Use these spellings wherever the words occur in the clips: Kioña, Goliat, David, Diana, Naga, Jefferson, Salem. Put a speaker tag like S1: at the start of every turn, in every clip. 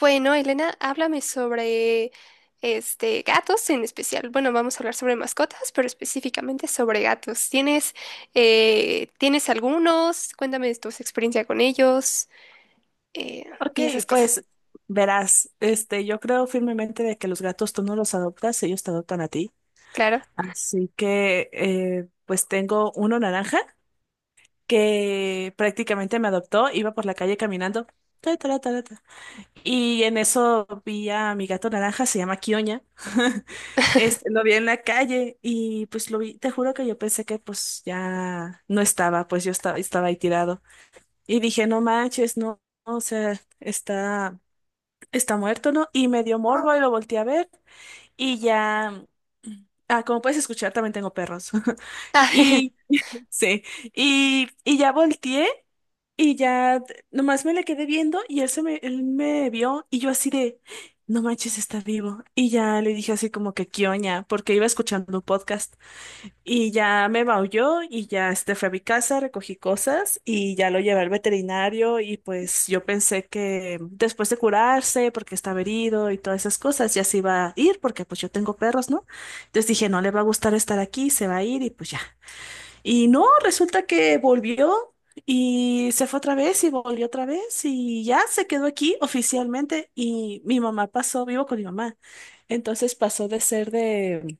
S1: Bueno, Elena, háblame sobre gatos en especial. Bueno, vamos a hablar sobre mascotas, pero específicamente sobre gatos. ¿Tienes algunos? Cuéntame de tu experiencia con ellos eh,
S2: Ok,
S1: y esas cosas.
S2: pues verás, yo creo firmemente de que los gatos tú no los adoptas, ellos te adoptan a ti.
S1: Claro.
S2: Así que, pues tengo uno naranja que prácticamente me adoptó, iba por la calle caminando. Ta, ta, ta, ta. Y en eso vi a mi gato naranja, se llama Kioña. Lo vi en la calle y pues lo vi, te juro que yo pensé que pues ya no estaba, pues yo estaba ahí tirado. Y dije, no manches, no, o sea, está muerto, ¿no? Y me dio morbo y lo volteé a ver y ya... mm, Ah, como puedes escuchar, también tengo perros.
S1: Ah,
S2: Y sí, y ya volteé y ya nomás me le quedé viendo y él me vio y yo así de, no manches, está vivo. Y ya le dije así como que quioña, porque iba escuchando un podcast. Y ya me maulló y ya fui a mi casa, recogí cosas y ya lo llevé al veterinario y pues yo pensé que después de curarse, porque estaba herido y todas esas cosas, ya se iba a ir porque pues yo tengo perros, ¿no? Entonces dije, no le va a gustar estar aquí, se va a ir y pues ya. Y no, resulta que volvió y se fue otra vez y volvió otra vez y ya se quedó aquí oficialmente y mi mamá pasó, vivo con mi mamá. Entonces pasó de ser de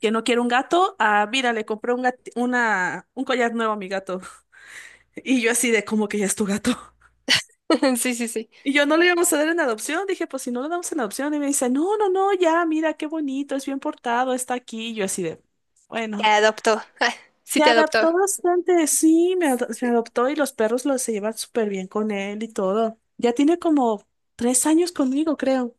S2: que no quiere un gato, ah, mira, le compré un collar nuevo a mi gato. Y yo así de, ¿cómo que ya es tu gato?
S1: sí, sí, sí.
S2: Y yo no le íbamos a dar en adopción, dije, pues si no lo damos en adopción, y me dice, no, no, no, ya, mira, qué bonito, es bien portado, está aquí. Y yo así de,
S1: Te
S2: bueno,
S1: adoptó. Ah, sí,
S2: se
S1: te adoptó.
S2: adaptó bastante, sí, me
S1: Sí.
S2: adoptó y los perros los se llevan súper bien con él y todo. Ya tiene como 3 años conmigo, creo.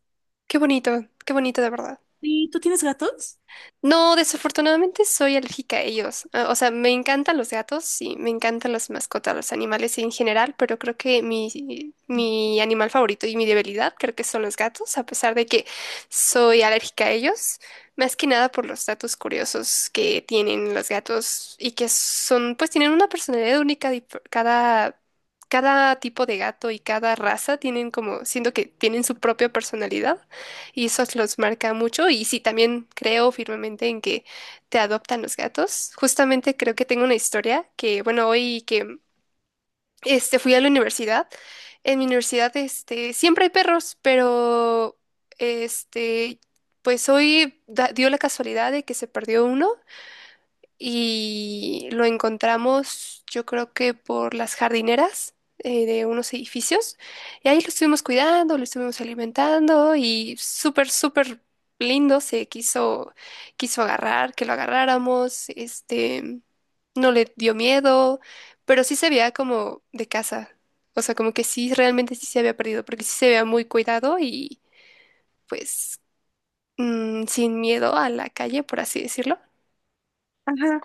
S1: Qué bonito de verdad.
S2: ¿Y tú tienes gatos?
S1: No, desafortunadamente soy alérgica a ellos. Ah, o sea, me encantan los gatos, sí, me encantan las mascotas, los animales en general, pero creo que mi animal favorito y mi debilidad creo que son los gatos, a pesar de que soy alérgica a ellos, más que nada por los datos curiosos que tienen los gatos y que son, pues tienen una personalidad única, dif- cada tipo de gato y cada raza tienen como, siento que tienen su propia personalidad. Y eso los marca mucho. Y sí, también creo firmemente en que te adoptan los gatos. Justamente creo que tengo una historia que, bueno, hoy que fui a la universidad. En mi universidad, siempre hay perros, pero este, pues hoy da- dio la casualidad de que se perdió uno y lo encontramos, yo creo que por las jardineras de unos edificios. Y ahí lo estuvimos cuidando, lo estuvimos alimentando y súper, súper lindo. Se quiso, quiso agarrar, que lo agarráramos. No le dio miedo, pero sí se veía como de casa. O sea, como que sí, realmente sí se había perdido, porque sí se veía muy cuidado y pues sin miedo a la calle, por así decirlo.
S2: Ajá.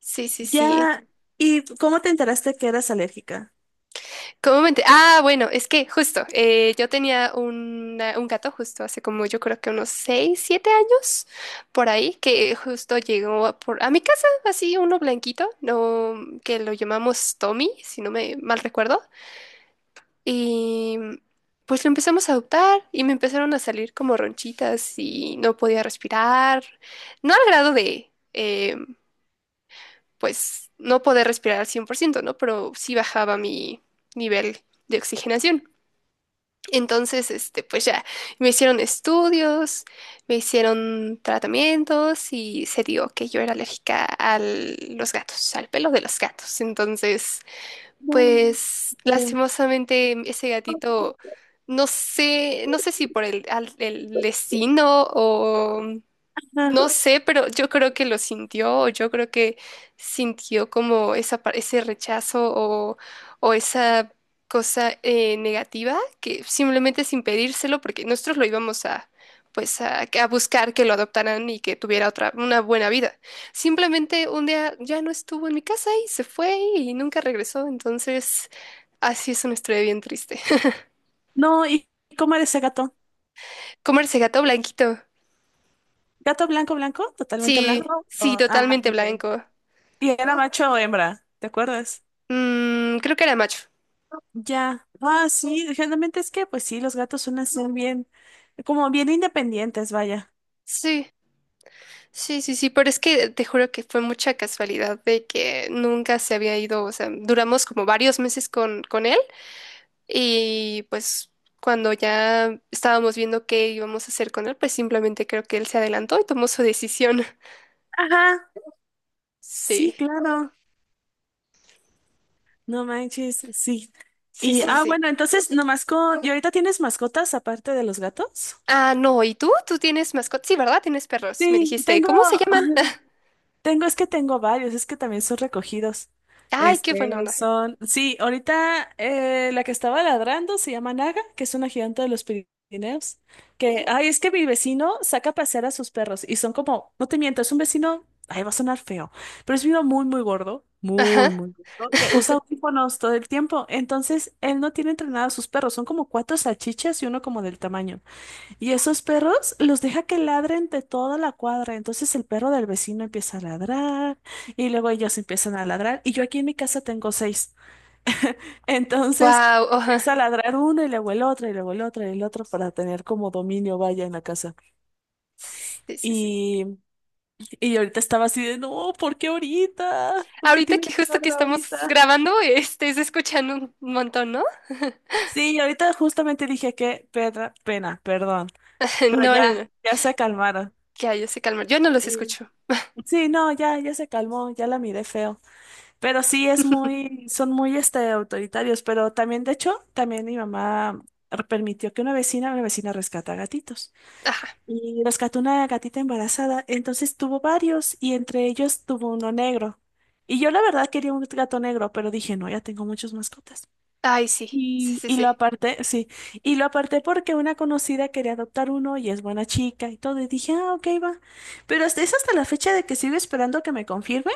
S1: Sí, sí, sí.
S2: Ya, ¿y cómo te enteraste que eras alérgica?
S1: ¿Cómo me enter- Ah, bueno, es que justo, yo tenía una- un gato justo hace como yo creo que unos 6, 7 años por ahí, que justo llegó a, por, a mi casa, así uno blanquito, no, que lo llamamos Tommy, si no me mal recuerdo, y pues lo empezamos a adoptar y me empezaron a salir como ronchitas y no podía respirar, no al grado de, pues, no poder respirar al 100%, ¿no? Pero sí bajaba mi nivel de oxigenación. Entonces, pues ya, me hicieron estudios, me hicieron tratamientos y se dio que yo era alérgica a los gatos, al pelo de los gatos. Entonces,
S2: No,
S1: pues
S2: no.
S1: lastimosamente ese gatito, no sé, no sé si por el, al- el destino no
S2: Ah,
S1: sé, pero yo creo que lo sintió, o yo creo que sintió como esa, par- ese rechazo o esa cosa negativa que simplemente sin pedírselo, porque nosotros lo íbamos a, pues a buscar que lo adoptaran y que tuviera otra, una buena vida. Simplemente un día ya no estuvo en mi casa y se fue y nunca regresó, entonces así es una historia bien triste.
S2: no, ¿y cómo era ese gato?
S1: Comerse gato blanquito.
S2: ¿Gato blanco, blanco? ¿Totalmente
S1: Sí,
S2: blanco? No,
S1: sí,
S2: Ah,
S1: totalmente
S2: ok.
S1: blanco.
S2: ¿Y era no, macho o hembra? ¿Te acuerdas?
S1: Mm, creo que era macho.
S2: Ya. Ah, sí, generalmente es que, pues sí, los gatos suelen ser bien, como bien independientes, vaya.
S1: Sí, sí, sí, sí, pero es que te juro que fue mucha casualidad de que nunca se había ido, o sea, duramos como varios meses con él y pues cuando ya estábamos viendo qué íbamos a hacer con él, pues simplemente creo que él se adelantó y tomó su decisión.
S2: Ajá. Sí,
S1: Sí,
S2: claro. No manches, sí.
S1: sí,
S2: Y,
S1: sí,
S2: ah,
S1: sí.
S2: bueno, entonces, nomás con. ¿Y ahorita tienes mascotas aparte de los gatos?
S1: Ah, no, ¿y tú? ¿Tú tienes mascotas? Sí, ¿verdad? Tienes perros, me
S2: Sí,
S1: dijiste.
S2: tengo.
S1: ¿Cómo se llaman?
S2: Tengo, es que tengo varios, es que también son recogidos.
S1: Ay, qué buena onda.
S2: Son, sí, ahorita la que estaba ladrando se llama Naga, que es una gigante de los Pirineos, que, ay, es que mi vecino saca a pasear a sus perros y son como, no te miento, es un vecino, ay, va a sonar feo, pero es uno
S1: Ajá.
S2: muy, muy gordo, que usa audífonos todo el tiempo, entonces él no tiene entrenado a sus perros, son como cuatro salchichas y uno como del tamaño. Y esos perros los deja que ladren de toda la cuadra. Entonces el perro del vecino empieza a ladrar y luego ellos empiezan a ladrar. Y yo aquí en mi casa tengo seis. Entonces
S1: Wow, ajá.
S2: empieza a ladrar uno y luego el otro y luego el otro y el otro para tener como dominio vaya en la casa.
S1: Sí, sí, sí.
S2: Y, y yo ahorita estaba así de, no, ¿por qué ahorita? ¿Por qué
S1: Ahorita
S2: tienes
S1: que
S2: que
S1: justo que
S2: ladrar
S1: estamos
S2: ahorita?
S1: grabando, se escuchan un montón, ¿no?
S2: Sí, y ahorita justamente dije que pena, perdón. Pero
S1: No,
S2: ya,
S1: no,
S2: ya se calmaron.
S1: que hay se calmar. Yo no los
S2: Y-
S1: escucho.
S2: Sí, no, ya, ya se calmó, ya la miré feo. Pero sí es son muy autoritarios, pero también, de hecho, también mi mamá permitió que una vecina rescata gatitos.
S1: Ajá.
S2: Y rescató una gatita embarazada, entonces tuvo varios y entre ellos tuvo uno negro. Y yo la verdad quería un gato negro, pero dije, no, ya tengo muchas mascotas.
S1: Ay, sí, sí,
S2: Y,
S1: sí,
S2: y lo
S1: sí.
S2: aparté, sí, y lo aparté porque una conocida quería adoptar uno y es buena chica y todo, y dije, ah, ok, va. Pero es hasta la fecha de que sigo esperando que me confirme,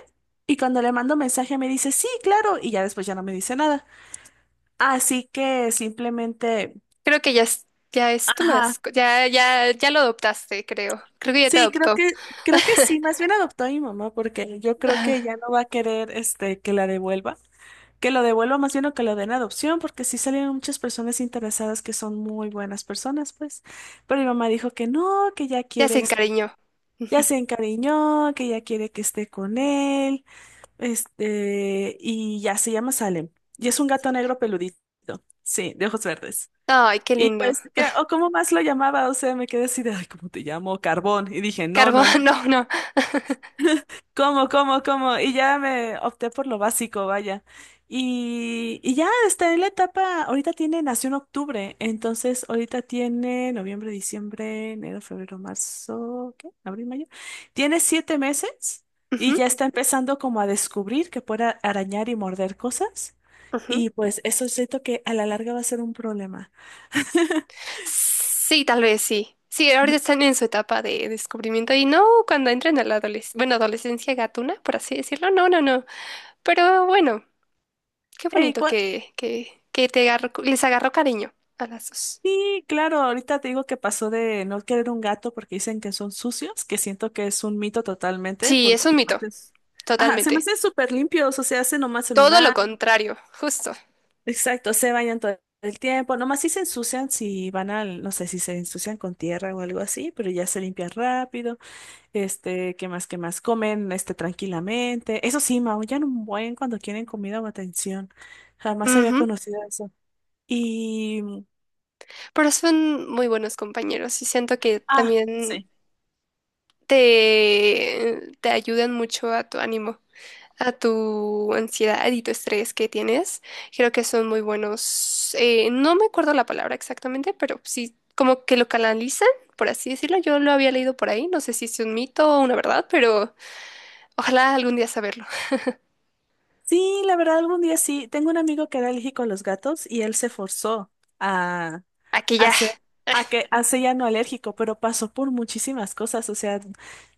S2: y cuando le mando mensaje me dice, sí, claro, y ya después ya no me dice nada. Así que simplemente,
S1: Creo que ya es tu
S2: ajá,
S1: mascota. Ya, ya, ya lo adoptaste, creo. Creo que ya te
S2: sí,
S1: adoptó.
S2: creo que sí, más bien adoptó a mi mamá porque yo creo
S1: Ajá.
S2: que ya no va a querer, que la devuelva. Que lo devuelva más bien o que lo den a adopción, porque sí salieron muchas personas interesadas que son muy buenas personas, pues. Pero mi mamá dijo que no, que ya
S1: Ya se
S2: quiere,
S1: encariñó.
S2: ya
S1: Ujú.
S2: se encariñó, que ya quiere que esté con él, y ya se llama Salem. Y es un gato negro peludito, sí, de ojos verdes.
S1: Ay, qué
S2: Y
S1: lindo.
S2: pues, que, o cómo más lo llamaba, o sea, me quedé así de, ay, ¿cómo te llamo? Carbón. Y dije, no,
S1: Carbón,
S2: no, no.
S1: no, no.
S2: ¿Cómo, cómo, cómo? Y ya me opté por lo básico, vaya. Y ya está en la etapa, ahorita tiene, nació en octubre, entonces ahorita tiene noviembre, diciembre, enero, febrero, marzo, ¿qué? Abril, mayo. Tiene 7 meses y
S1: Ujú,
S2: ya está empezando como a descubrir que puede arañar y morder cosas.
S1: ujú.
S2: Y pues eso siento que a la larga va a ser un problema.
S1: Sí, tal vez sí. Sí, ahorita están en su etapa de descubrimiento y no cuando entren a la adolescencia, bueno, adolescencia gatuna, por así decirlo, no, no, no. Pero bueno, qué
S2: Ey,
S1: bonito que te agarró- les agarró cariño a las dos.
S2: sí, claro, ahorita te digo que pasó de no querer un gato porque dicen que son sucios, que siento que es un mito totalmente,
S1: Sí, es
S2: porque
S1: un
S2: se me
S1: mito,
S2: hacen, ajá, se me
S1: totalmente.
S2: hacen súper limpios, o sea, hacen nomás en
S1: Todo lo
S2: una,
S1: contrario, justo.
S2: exacto, se bañan todo el tiempo, nomás sí se ensucian si van al, no sé, si se ensucian con tierra o algo así, pero ya se limpian rápido, qué más, comen, tranquilamente, eso sí, maullan un buen cuando quieren comida o atención, jamás había
S1: Ujú.
S2: conocido eso, y,
S1: Pero son muy buenos compañeros y siento que
S2: ah,
S1: también
S2: sí.
S1: te ayudan mucho a tu ánimo. A tu ansiedad y tu estrés que tienes. Creo que son muy buenos. No me acuerdo la palabra exactamente, pero sí, como que lo canalizan, por así decirlo. Yo lo había leído por ahí. No sé si es un mito o una verdad, pero ojalá algún día saberlo.
S2: Sí, la verdad, algún día sí. Tengo un amigo que era alérgico a los gatos y él se forzó a
S1: Aquí ya.
S2: hacer, hace ya no alérgico, pero pasó por muchísimas cosas. O sea,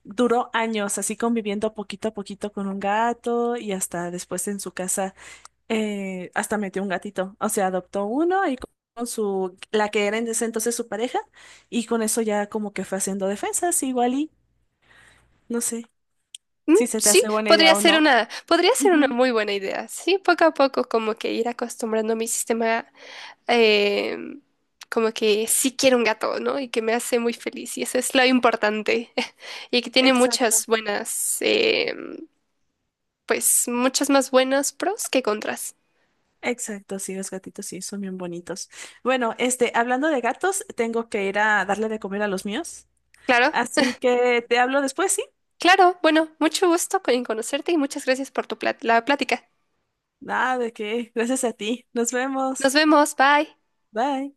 S2: duró años así conviviendo poquito a poquito con un gato y hasta después en su casa, hasta metió un gatito. O sea, adoptó uno y con su, la que era en ese entonces su pareja, y con eso ya como que fue haciendo defensas, igual y no sé
S1: Mm,
S2: si se te
S1: sí,
S2: hace buena idea o no.
S1: podría ser una
S2: Ujú,
S1: muy buena idea. Sí, poco a poco como que ir acostumbrando mi sistema eh, como que sí quiero un gato, ¿no? Y que me hace muy feliz. Y eso es lo importante. Y que tiene
S2: exacto.
S1: muchas buenas, pues muchas más buenas pros que contras.
S2: Exacto, sí, los gatitos sí, son bien bonitos. Bueno, hablando de gatos, tengo que ir a darle de comer a los míos.
S1: Claro,
S2: Así que te hablo después, ¿sí?
S1: claro. Bueno, mucho gusto en conocerte y muchas gracias por tu plat- la plática.
S2: Nada de qué. Gracias a ti. Nos vemos.
S1: Nos vemos, bye.
S2: Bye.